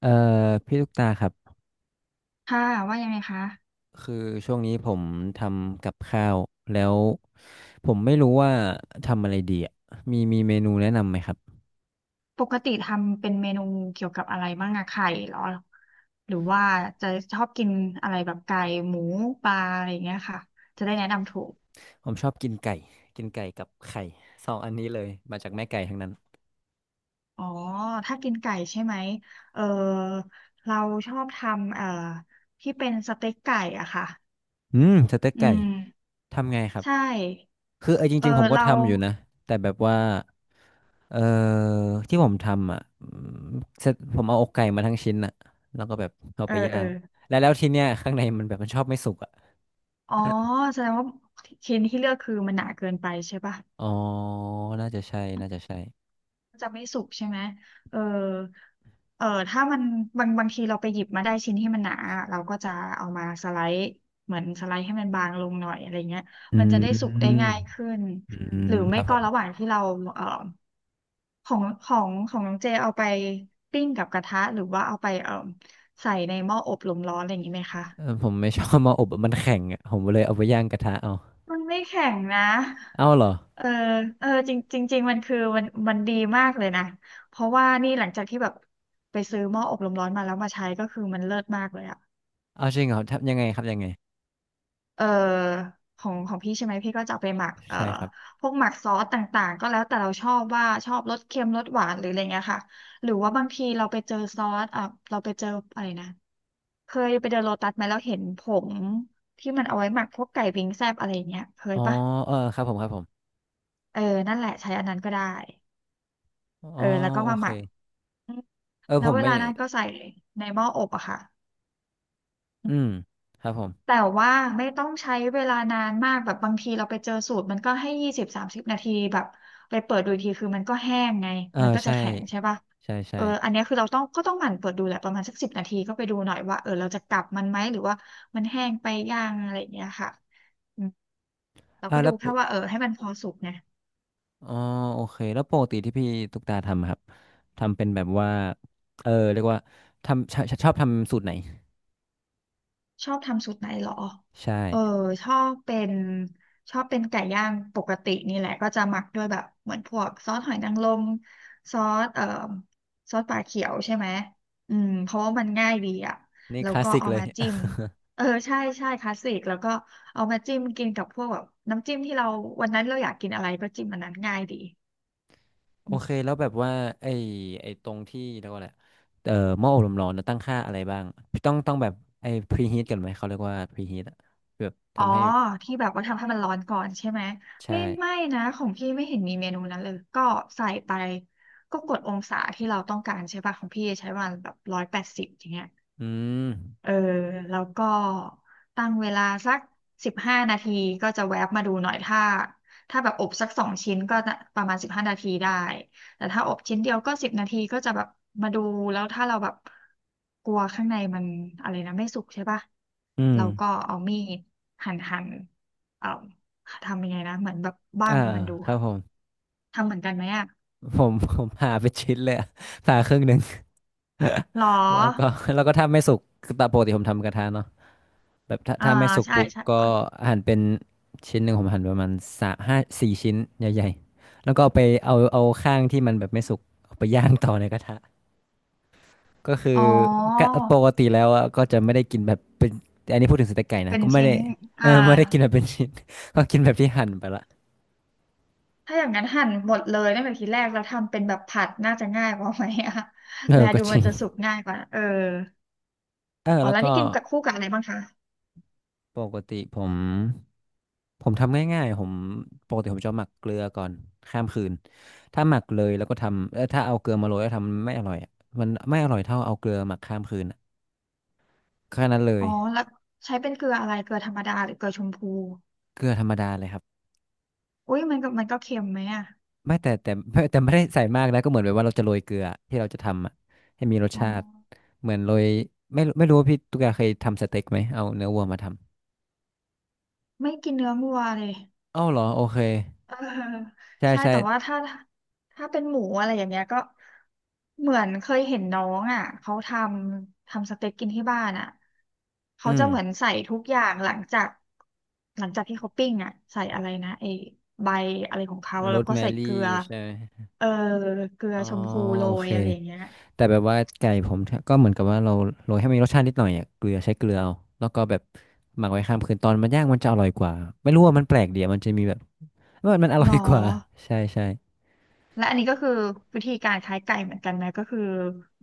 เอ่อพี่ลูกตาครับค่ะว่ายังไงคะคือช่วงนี้ผมทำกับข้าวแล้วผมไม่รู้ว่าทำอะไรดีอ่ะมีเมนูแนะนำไหมครับปกติทำเป็นเมนูเกี่ยวกับอะไรบ้างอะไข่เหรอหรือว่าจะชอบกินอะไรแบบไก่หมูปลาอะไรอย่างเงี้ยค่ะจะได้แนะนำถูกผมชอบกินไก่กินไก่กับไข่สองอันนี้เลยมาจากแม่ไก่ทั้งนั้นอ๋อถ้ากินไก่ใช่ไหมเออเราชอบทำที่เป็นสเต็กไก่อะค่ะอืมสเต็กอืไก่มทำไงครับใช่คือจเออริงๆผมก็เราทำอยู่นะแต่แบบว่าเอ่อที่ผมทำอ่ะเสร็จผมเอาอกไก่มาทั้งชิ้นอ่ะแล้วก็แบบเอาเอไปอย่าเอองแล้วทีเนี้ยข้างในมันแบบมันชอบไม่สุกอ่ะอ๋อแสดงว่าชิ้นที่เลือกคือมันหนาเกินไปใช่ปะ อ๋อน่าจะใช่ จะไม่สุกใช่ไหมเออเออถ้ามันบางทีเราไปหยิบมาได้ชิ้นที่มันหนาเราก็จะเอามาสไลด์เหมือนสไลด์ให้มันบางลงหน่อยอะไรเงี้ยอืมันจะได้สุกได้มง่ายขึ้น อืหมรือคไม่รับผก็ระหมว่างที่เราเออของน้องเจเอาไปปิ้งกับกระทะหรือว่าเอาไปใส่ในหม้ออบลมร้อนอะไรอย่างงี้ไหมคะ เออผมไม่ชอบมาอบอะมันแข็งอ่ะผมเลยเอาไปย่างกระทะเอามันไม่แข็งนะ เอาเหรอเออเออจริงจริงจริงมันคือมันดีมากเลยนะเพราะว่านี่หลังจากที่แบบไปซื้อหม้ออบลมร้อนมาแล้วมาใช้ก็คือมันเลิศมากเลยอะเอาจริงเหรอทับยังไงครับยังไงเออของพี่ใช่ไหมพี่ก็จะเอาไปหมักใช่ครับพวกหมักซอสต่างๆก็แล้วแต่เราชอบว่าชอบรสเค็มรสหวานหรืออะไรเงี้ยค่ะหรือว่าบางทีเราไปเจอซอสอ่ะเราไปเจออะไรนะเคยไปเดินโลตัสไหมแล้วเห็นผงที่มันเอาไว้หมักพวกไก่วิงแซบอะไรเงี้ยเคยอ๋อปะเออครับผมครับผมเออนั่นแหละใช้อันนั้นก็ได้อ๋อเออแล้วก็โอมาหเคมัก เออผแล้วมเวไม่ลานั้นก็ใส่ในหม้ออบอะค่ะอืมครับผมแต่ว่าไม่ต้องใช้เวลานานมากแบบบางทีเราไปเจอสูตรมันก็ให้20-30 นาทีแบบไปเปิดดูอีกทีคือมันก็แห้งไงเออมันก็จะใช่แข็งใช่ป่ะใช่เอใช่ออันเนี้ยคือเราต้องก็ต้องหมั่นเปิดดูแหละประมาณสักสิบนาทีก็ไปดูหน่อยว่าเออเราจะกลับมันไหมหรือว่ามันแห้งไปย่างอะไรอย่างเงี้ยค่ะอืมเราอ่าก็ดูแล้วปแค่กว่าเออให้มันพอสุกไง อ๋อโอเคแล้วปกติที่พี่ตุ๊กตาทำอะครับทำเป็นแบบว่าเรียกว่าทำชอบทำสูตรไหนชอบทำสูตรไหนเหรอ ใช่เออ ชอบเป็นชอบเป็นไก่ย่างปกตินี่แหละก็จะหมักด้วยแบบเหมือนพวกซอสหอยนางรมซอสเอ่อซอสปลาเขียวใช่ไหมอืมเพราะว่ามันง่ายดีอ่ะนี่แล้ควลาสก็สิกเอาเลย มาจิ้ม เออใช่ใช่คลาสสิกแล้วก็เอามาจิ้มกินกับพวกแบบน้ำจิ้มที่เราวันนั้นเราอยากกินอะไรก็จิ้มอันนั้นง่ายดี โอเคแล้วแบบว่าไอ้ไอ้ตรงที่เรียกว่าอะไรเอ่อหม้ออบลมร้อนนะตั้งค่าอะไรบ้างต้องแบบไอ้พรีฮีทกันไหมเขาเรียกว่าพรีฮีทอะแบบอ๋อทำให้ที่แบบว่าทำให้มันร้อนก่อนใช่ไหมใช่ไม่นะของพี่ไม่เห็นมีเมนูนั้นเลยก็ใส่ไปก็กดองศาที่เราต้องการใช่ป่ะของพี่ใช้วันแบบ180อย่างเงี้ย อืมเออแล้วก็ตั้งเวลาสักสิบห้านาทีก็จะแวบมาดูหน่อยถ้าแบบอบสัก2 ชิ้นก็จะประมาณสิบห้านาทีได้แต่ถ้าอบชิ้นเดียวก็สิบนาทีก็จะแบบมาดูแล้วถ้าเราแบบกลัวข้างในมันอะไรนะไม่สุกใช่ปะอืมเราก็เอามีดหั่นเอ่อทำยังไงนะเหมือนแบบบั้อ่า งมันดูครับอะผมทำเหมือนกันไหมอะผมผ่าไปนชิ้นเลยอะผ่าครึ่งหนึ่งหรอแล้วก็แล้วก็ถ้าไม่สุกคือตามปกติผมทำกระทะเนาะแบบถ้าอ่าถ้าไม่สุกใช่ปุ๊บใช่ก็หั่นเป็นชิ้นหนึ่งผมหั่นประมาณสามห้าสี่ชิ้นใหญ่ๆแล้วก็เอาข้างที่มันแบบไม่สุกเอาไปย่างต่อในกระทะ ก็คืออ๋อก็ปกติแล้วอะก็จะไม่ได้กินแบบเป็นอันนี้พูดถึงสเต็กไก่นะเป็นก็ไม่ชิ้ได้นอ่า ไม่ได้กินแบบเป็นชิ้น ก็กินแบบที่หั่นไปละถ้าอย่างนั้นหั่นหมดเลยตั้งแต่ทีแรกแล้วทำเป็นแบบผัดน่าจะง่ายกว่าไหมอะ เอ แลอก็ดูจมัรินงจะสุกง่ายกว่า เออเอออ๋อแล้วแล้วก็นี่กินกับคู่กับอะไรบ้างคะปกติผมทำง่ายๆผมปกติผมจะหมักเกลือก่อนข้ามคืนถ้าหมักเลยแล้วก็ทำถ้าเอาเกลือมาโรยแล้วทำมันไม่อร่อยอะมันไม่อร่อยเท่าเอาเกลือหมักข้ามคืนอะแค่นั้นเลอ๋ยอแล้วใช้เป็นเกลืออะไรเกลือธรรมดาหรือเกลือชมพู เกลือธรรมดาเลยครับ อุ้ยมันก็เค็มไหมอะไม่แต่ ไม่แต่ไม่ได้ใส่มากนะก็เหมือนแบบว่าเราจะโรยเกลือที่เราจะทำอะให้มีรสอ๋ชาติอเหมือนโรยไม่รู้ว่าพี่ตุ๊กตาเคยทำสเต็กไหมเอาเนื้อวัวมาทไม่กินเนื้อวัวเลย ำอ้าวเหรอโอเคเออใช่ใช่ใช่แต่ว่าถ้าเป็นหมูอะไรอย่างเงี้ยก็เหมือนเคยเห็นน้องอ่ะเขาทำสเต็กกินที่บ้านอ่ะเขาอืจะมเหมือนใส่ทุกอย่างหลังจากที่เขาปิ้งอ่ะใส่อะไรนะไอ้ใบอะไรของเขาโรแล้วสก็แมใส่เกลืรี่อใช่ไหมเออเกลืออ๋อชมพูโรโอยเคอะไรอย่างเงี้ยแต่แบบว่าไก่ผมก็เหมือนกับว่าเราโรยให้มันมีรสชาตินิดหน่อยอะเกลือใช้เกลือเอาแล้วก็แบบหมักไว้ข้ามคืนตอนมันย่างมันจะอร่อยกว่าไม่รู้ว่ามันแปลกเดียวมันจะมีแบบมันอหร่รออยกว่า ใช่ใช่และอันนี้ก็คือวิธีการคล้ายไก่เหมือนกันไหมก็คือ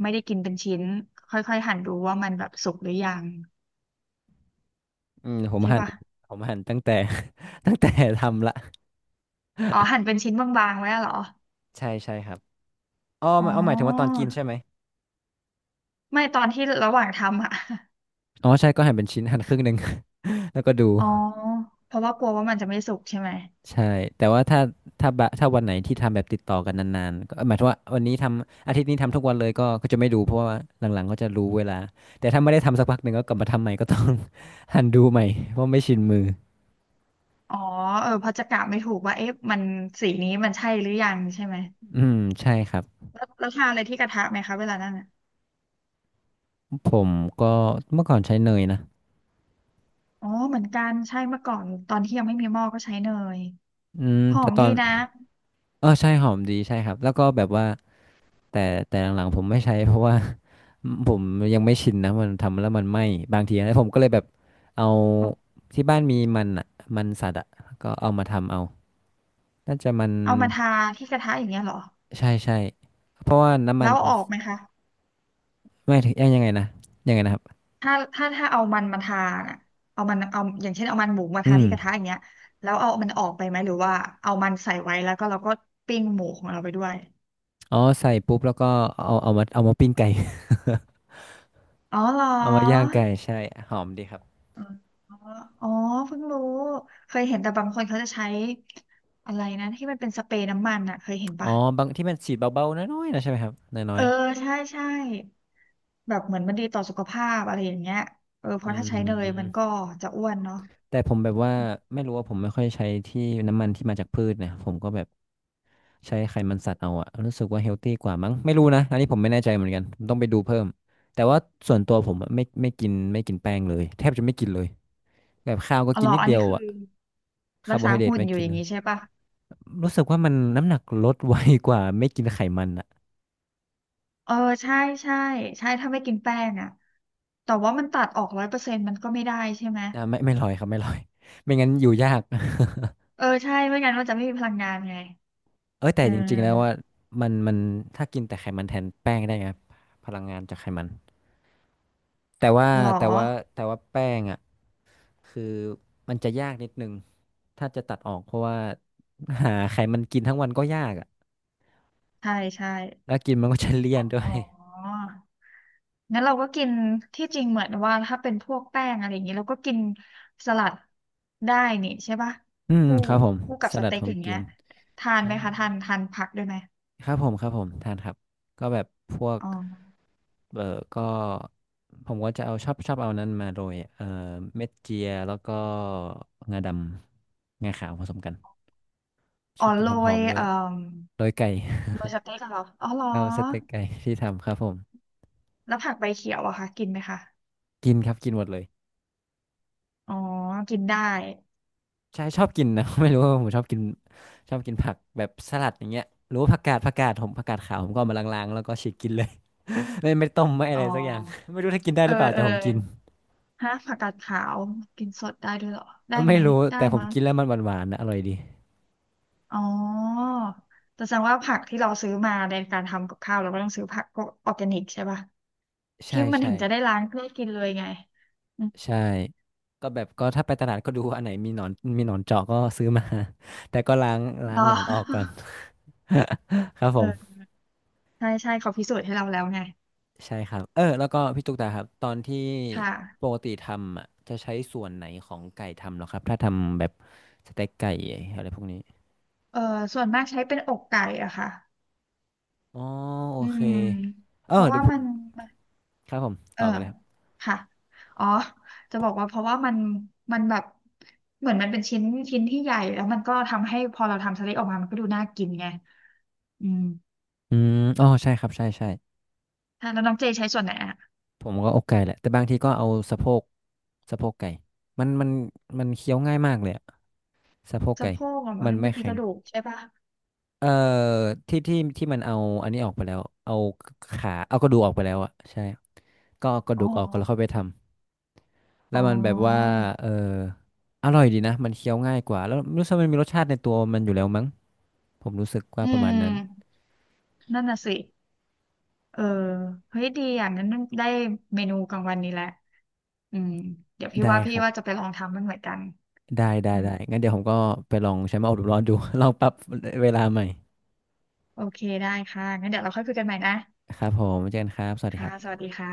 ไม่ได้กินเป็นชิ้นค่อยๆหั่นดูว่ามันแบบสุกหรือยังอืมผมใช่หั่นปะ ผมหั่นตั้งแต่ ตั้งแต่ทำละ อ๋อหั่นเป็นชิ้นบางๆ ไว้อะเหรอใช่ใช่ครับอ๋ออ๋หอมายอ๋อหมายถึงว่าตอนกินใช่ไหมไม่ตอนที่ระหว่างทำอะ อ๋อใช่ก็หั่นเป็นชิ้นหั่นครึ่งหนึ่ง แล้วก็ดูอ๋อเพราะว่ากลัวว่ามันจะไม่สุกใช่ไหมใช่แต่ว่าถ้าถ้าบะถ้าวันไหนที่ทำแบบติดต่อกันนานๆก็หมายถึงว่าวันนี้ทำอาทิตย์นี้ทำทุกวันเลยก็จะไม่ดูเพราะว่าหลังๆก็จะรู้เวลาแต่ถ้าไม่ได้ทำสักพักหนึ่งก็กลับมาทำใหม่ก็ต้อง หั่นดูใหม่เพราะไม่ชินมืออ๋อเออเพราะจะกะไม่ถูกว่าเอ๊ะมันสีนี้มันใช่หรือยังใช่ไหมอืมใช่ครับแล้วทานอะไรที่กระทะไหมคะเวลานั้นอ่ะผมก็เมื่อก่อนใช้เนยนะอ๋อเหมือนกันใช่เมื่อก่อนตอนที่ยังไม่มีหม้อก็ใช้เนยอืมหอแต่มตอดีนนะเออใช่หอมดีใช่ครับแล้วก็แบบว่าแต่แต่หลังๆผมไม่ใช้เพราะว่า ผมยังไม่ชินนะมันทำแล้วมันไหม้บางทีนะผมก็เลยแบบเอาอ๋อที่บ้านมีมันอ่ะมันสัตว์อ่ะก็เอามาทำเอาน่าจะมันเอามาทาที่กระทะอย่างเงี้ยเหรอใช่ใช่เพราะว่าน้ำมัแล้นวเอาออกไหมคะ ไม่ถึงยังยังไงนะยังไงนะครับถ้าเอามันมาทาน่ะเอามันเอาอย่างเช่นเอามันหมูมาอืทาที่กระทะมอย่างเงี้ยแล้วเอามันออกไปไหมหรือว่าเอามันใส่ไว้แล้วก็เราก็ปิ้งหมูของเราไปด้วยอ๋อใส่ปุ๊บแล้วก็เอาเอามาปิ้งไก่ อ๋อเหรอเอามาย่างไก่ใช่หอมดีครับอ๋ออ๋อเพิ่งรู้เคยเห็นแต่บางคนเขาจะใช้อะไรนะที่มันเป็นสเปรย์น้ำมันอ่ะเคยเห็นอ๋อปะบางที่มันฉีดเบาๆน้อยๆนะใช่ไหมครับน้อเอยอใช่ใช่แบบเหมือนมันดีต่อสุขภาพอะไรอย่างเงี้ยเออเพๆอืราะถ้าใช้เนยมันก็ม จะอ้วนเนาะแต่ผมแบบว่าไม่รู้ว่าผมไม่ค่อยใช้ที่น้ำมันที่มาจากพืชนะผมก็แบบใช้ไขมันสัตว์เอาอะรู้สึกว่าเฮลตี้กว่ามั้งไม่รู้นะอันนี้ผมไม่แน่ใจเหมือนกันผมต้องไปดูเพิ่มแต่ว่าส่วนตัวผมอะไม่ไม่กินแป้งเลยแทบจะไม่กินเลยแบบข้าวก็อ๋อกิเหรนอนิดอันเดียนี้วคืออะคารัร์กโบษาไฮเดรตหุ่นไม่อยู่กิอนย่าเลงยนี้ใช่ปะ รู้สึกว่ามันน้ำหนักลดไวกว่าไม่กินไขมันอะเออใช่ใช่ใช่ถ้าไม่กินแป้งอ่ะแต่ว่ามันตัดออกร้อยเปอร์เซ็นต์มันก็ไม่ได้ใช่ไหมอ่ะไม่ลอยครับไม่ลอยไม่งั้นอยู่ยาก เออใช่ไม่งั้นมันจะไม่มีพลังงานไงเอ้ยแต่เอจริงๆแล้วว่าอมันถ้ากินแต่ไขมันแทนแป้งได้ไงพลังงานจากไขมัน แต่ว่าหรอแต่ว่าแต่ว่าแป้งอ่ะคือมันจะยากนิดนึงถ้าจะตัดออกเพราะว่าหาไขมันกินทั้งวันก็ยากอ่ะใช่ใช่แล้วกินมันก็จะเลี่ยนด้วอ๋ย องั้นเราก็กินที่จริงเหมือนว่าถ้าเป็นพวกแป้งอะไรอย่างนี้เราก็กินสลัดได้นี่ใช่ปะ อืมคู่ครับผมคู่กับสสลัดเต็กผมอย่างกิเงี้นยทานไหมคะทาใช่นทานผักด้วยไหมครับผมครับผมทานครับก็แบบพวกอ๋อเออก็ผมก็จะเอาชอบเอานั้นมาโรยเม็ดเจียแล้วก็งาดำงาขาวผสมกันอ๋ช่อวยกินโรหอยมๆด้วยโรยไก่ โรยสเต็กเหรออ๋อเหรอ เอาสเต็กไก่ที่ทำครับผม แล้วผักใบเขียวอะคะกินไหมคะ กินครับกินหมดเลยอ๋อ กินได้ใช่ชอบกินนะ ไม่รู้ว่าผมชอบกินชอบกินผักแบบสลัดอย่างเงี้ยหรือว่าผักกาดขาวผมก็เอามาล้างๆแล้วก็ฉีกกินเลย ไม่ไม่ต้มไม่อะอ๋อไรสักอย่าง ไม่รู้ถ้ากินได้หเออรือเปล่าเอแต่อผมกินฮะผักกาดขาวกินสดได้ด้วยเหรอได้ไม่ไหมรู้ได้แต่ผมมั้งกินแล้วมันหวานๆนะอร่อยดีอ๋อแต่แสดงว่าผักที่เราซื้อมาในการทำกับข้าวเราก็ต้องซื้อผักพวกออร์แกนิกใช่ป่ะที่ใช่มันถึใช่งจะได้ล้างได้กินเลยไงอืมใช่ก็แบบก็ถ้าไปตลาดก็ดูว่าอันไหนมีหนอนมีหนอนเจาะก็ซื้อมา แต่ก็ล้างล้ารงอ หนอน ออกก่อน ครับผเอม อใช่ใช่เขาพิสูจน์ให้เราแล้วไงใช่ครับเออแล้วก็พี่ตุ๊กตาครับตอนที่ค่ะปกติทำอ่ะจะใช้ส่วนไหนของไก่ทำเหรอครับถ้าทำแบบสเต็กไก่อะไรพวกนี้เออส่วนมากใช้เป็นอกไก่อะค่ะอ๋อโออืเคมเอเพอราะเดี๋ว่ายวผมัมน ครับผมเออต่อกันเลยครับค่ะอ๋อจะบอกว่าเพราะว่ามันมันแบบเหมือนมันเป็นชิ้นชิ้นที่ใหญ่แล้วมันก็ทำให้พอเราทำสลตออกมามันก็ดูน่ากินไงอืมอืมอ๋อใช่ครับใช่ใช่ค่ะแล้วน้องเจใช้ส่วนไหนอะผมก็อกไก่แหละแต่บางทีก็เอาสะโพกสะโพกไก่มันมันเคี้ยวง่ายมากเลยอะสะโพกสะไก่โพกเหรอมัมันนไม่มันมีแข็กงระดูกใช่ปะเอ่อที่มันเอาอันนี้ออกไปแล้วเอาขาเอากระดูกออกไปแล้วอะใช่ก็เอากระอ๋อดูกออกก็แล้วค่อยไปทำ แล้อ๋วมันแบบว่า อเออ อร่อยดีนะ มันเคี้ยวง่ายกว่าแล้วรู้สึกมันมีรสชาติในตัวมันอยู่แล้วมั้งผมรู้สึกว่าอืประมาณมนั้น นั่นน่ะสิเออเฮ้ยดีอ่ะงั้นได้เมนูกลางวันนี้แหละอืมเดี๋ยวพี่ได้ว่าคพี่รับ ว่าจะไปลองทำมันเหมือนกันได้ได้อืมได้งั้นเดี๋ยวผมก็ไปลองใช้มาอบร้อนดู ลองปรับเวลาใหม่โอเคได้ค่ะงั้นเดี๋ยวเราค่อยคุยกันใหม่นะครับผมเจอกันครับสวัสดีคค่ะรับสวัสดีค่ะ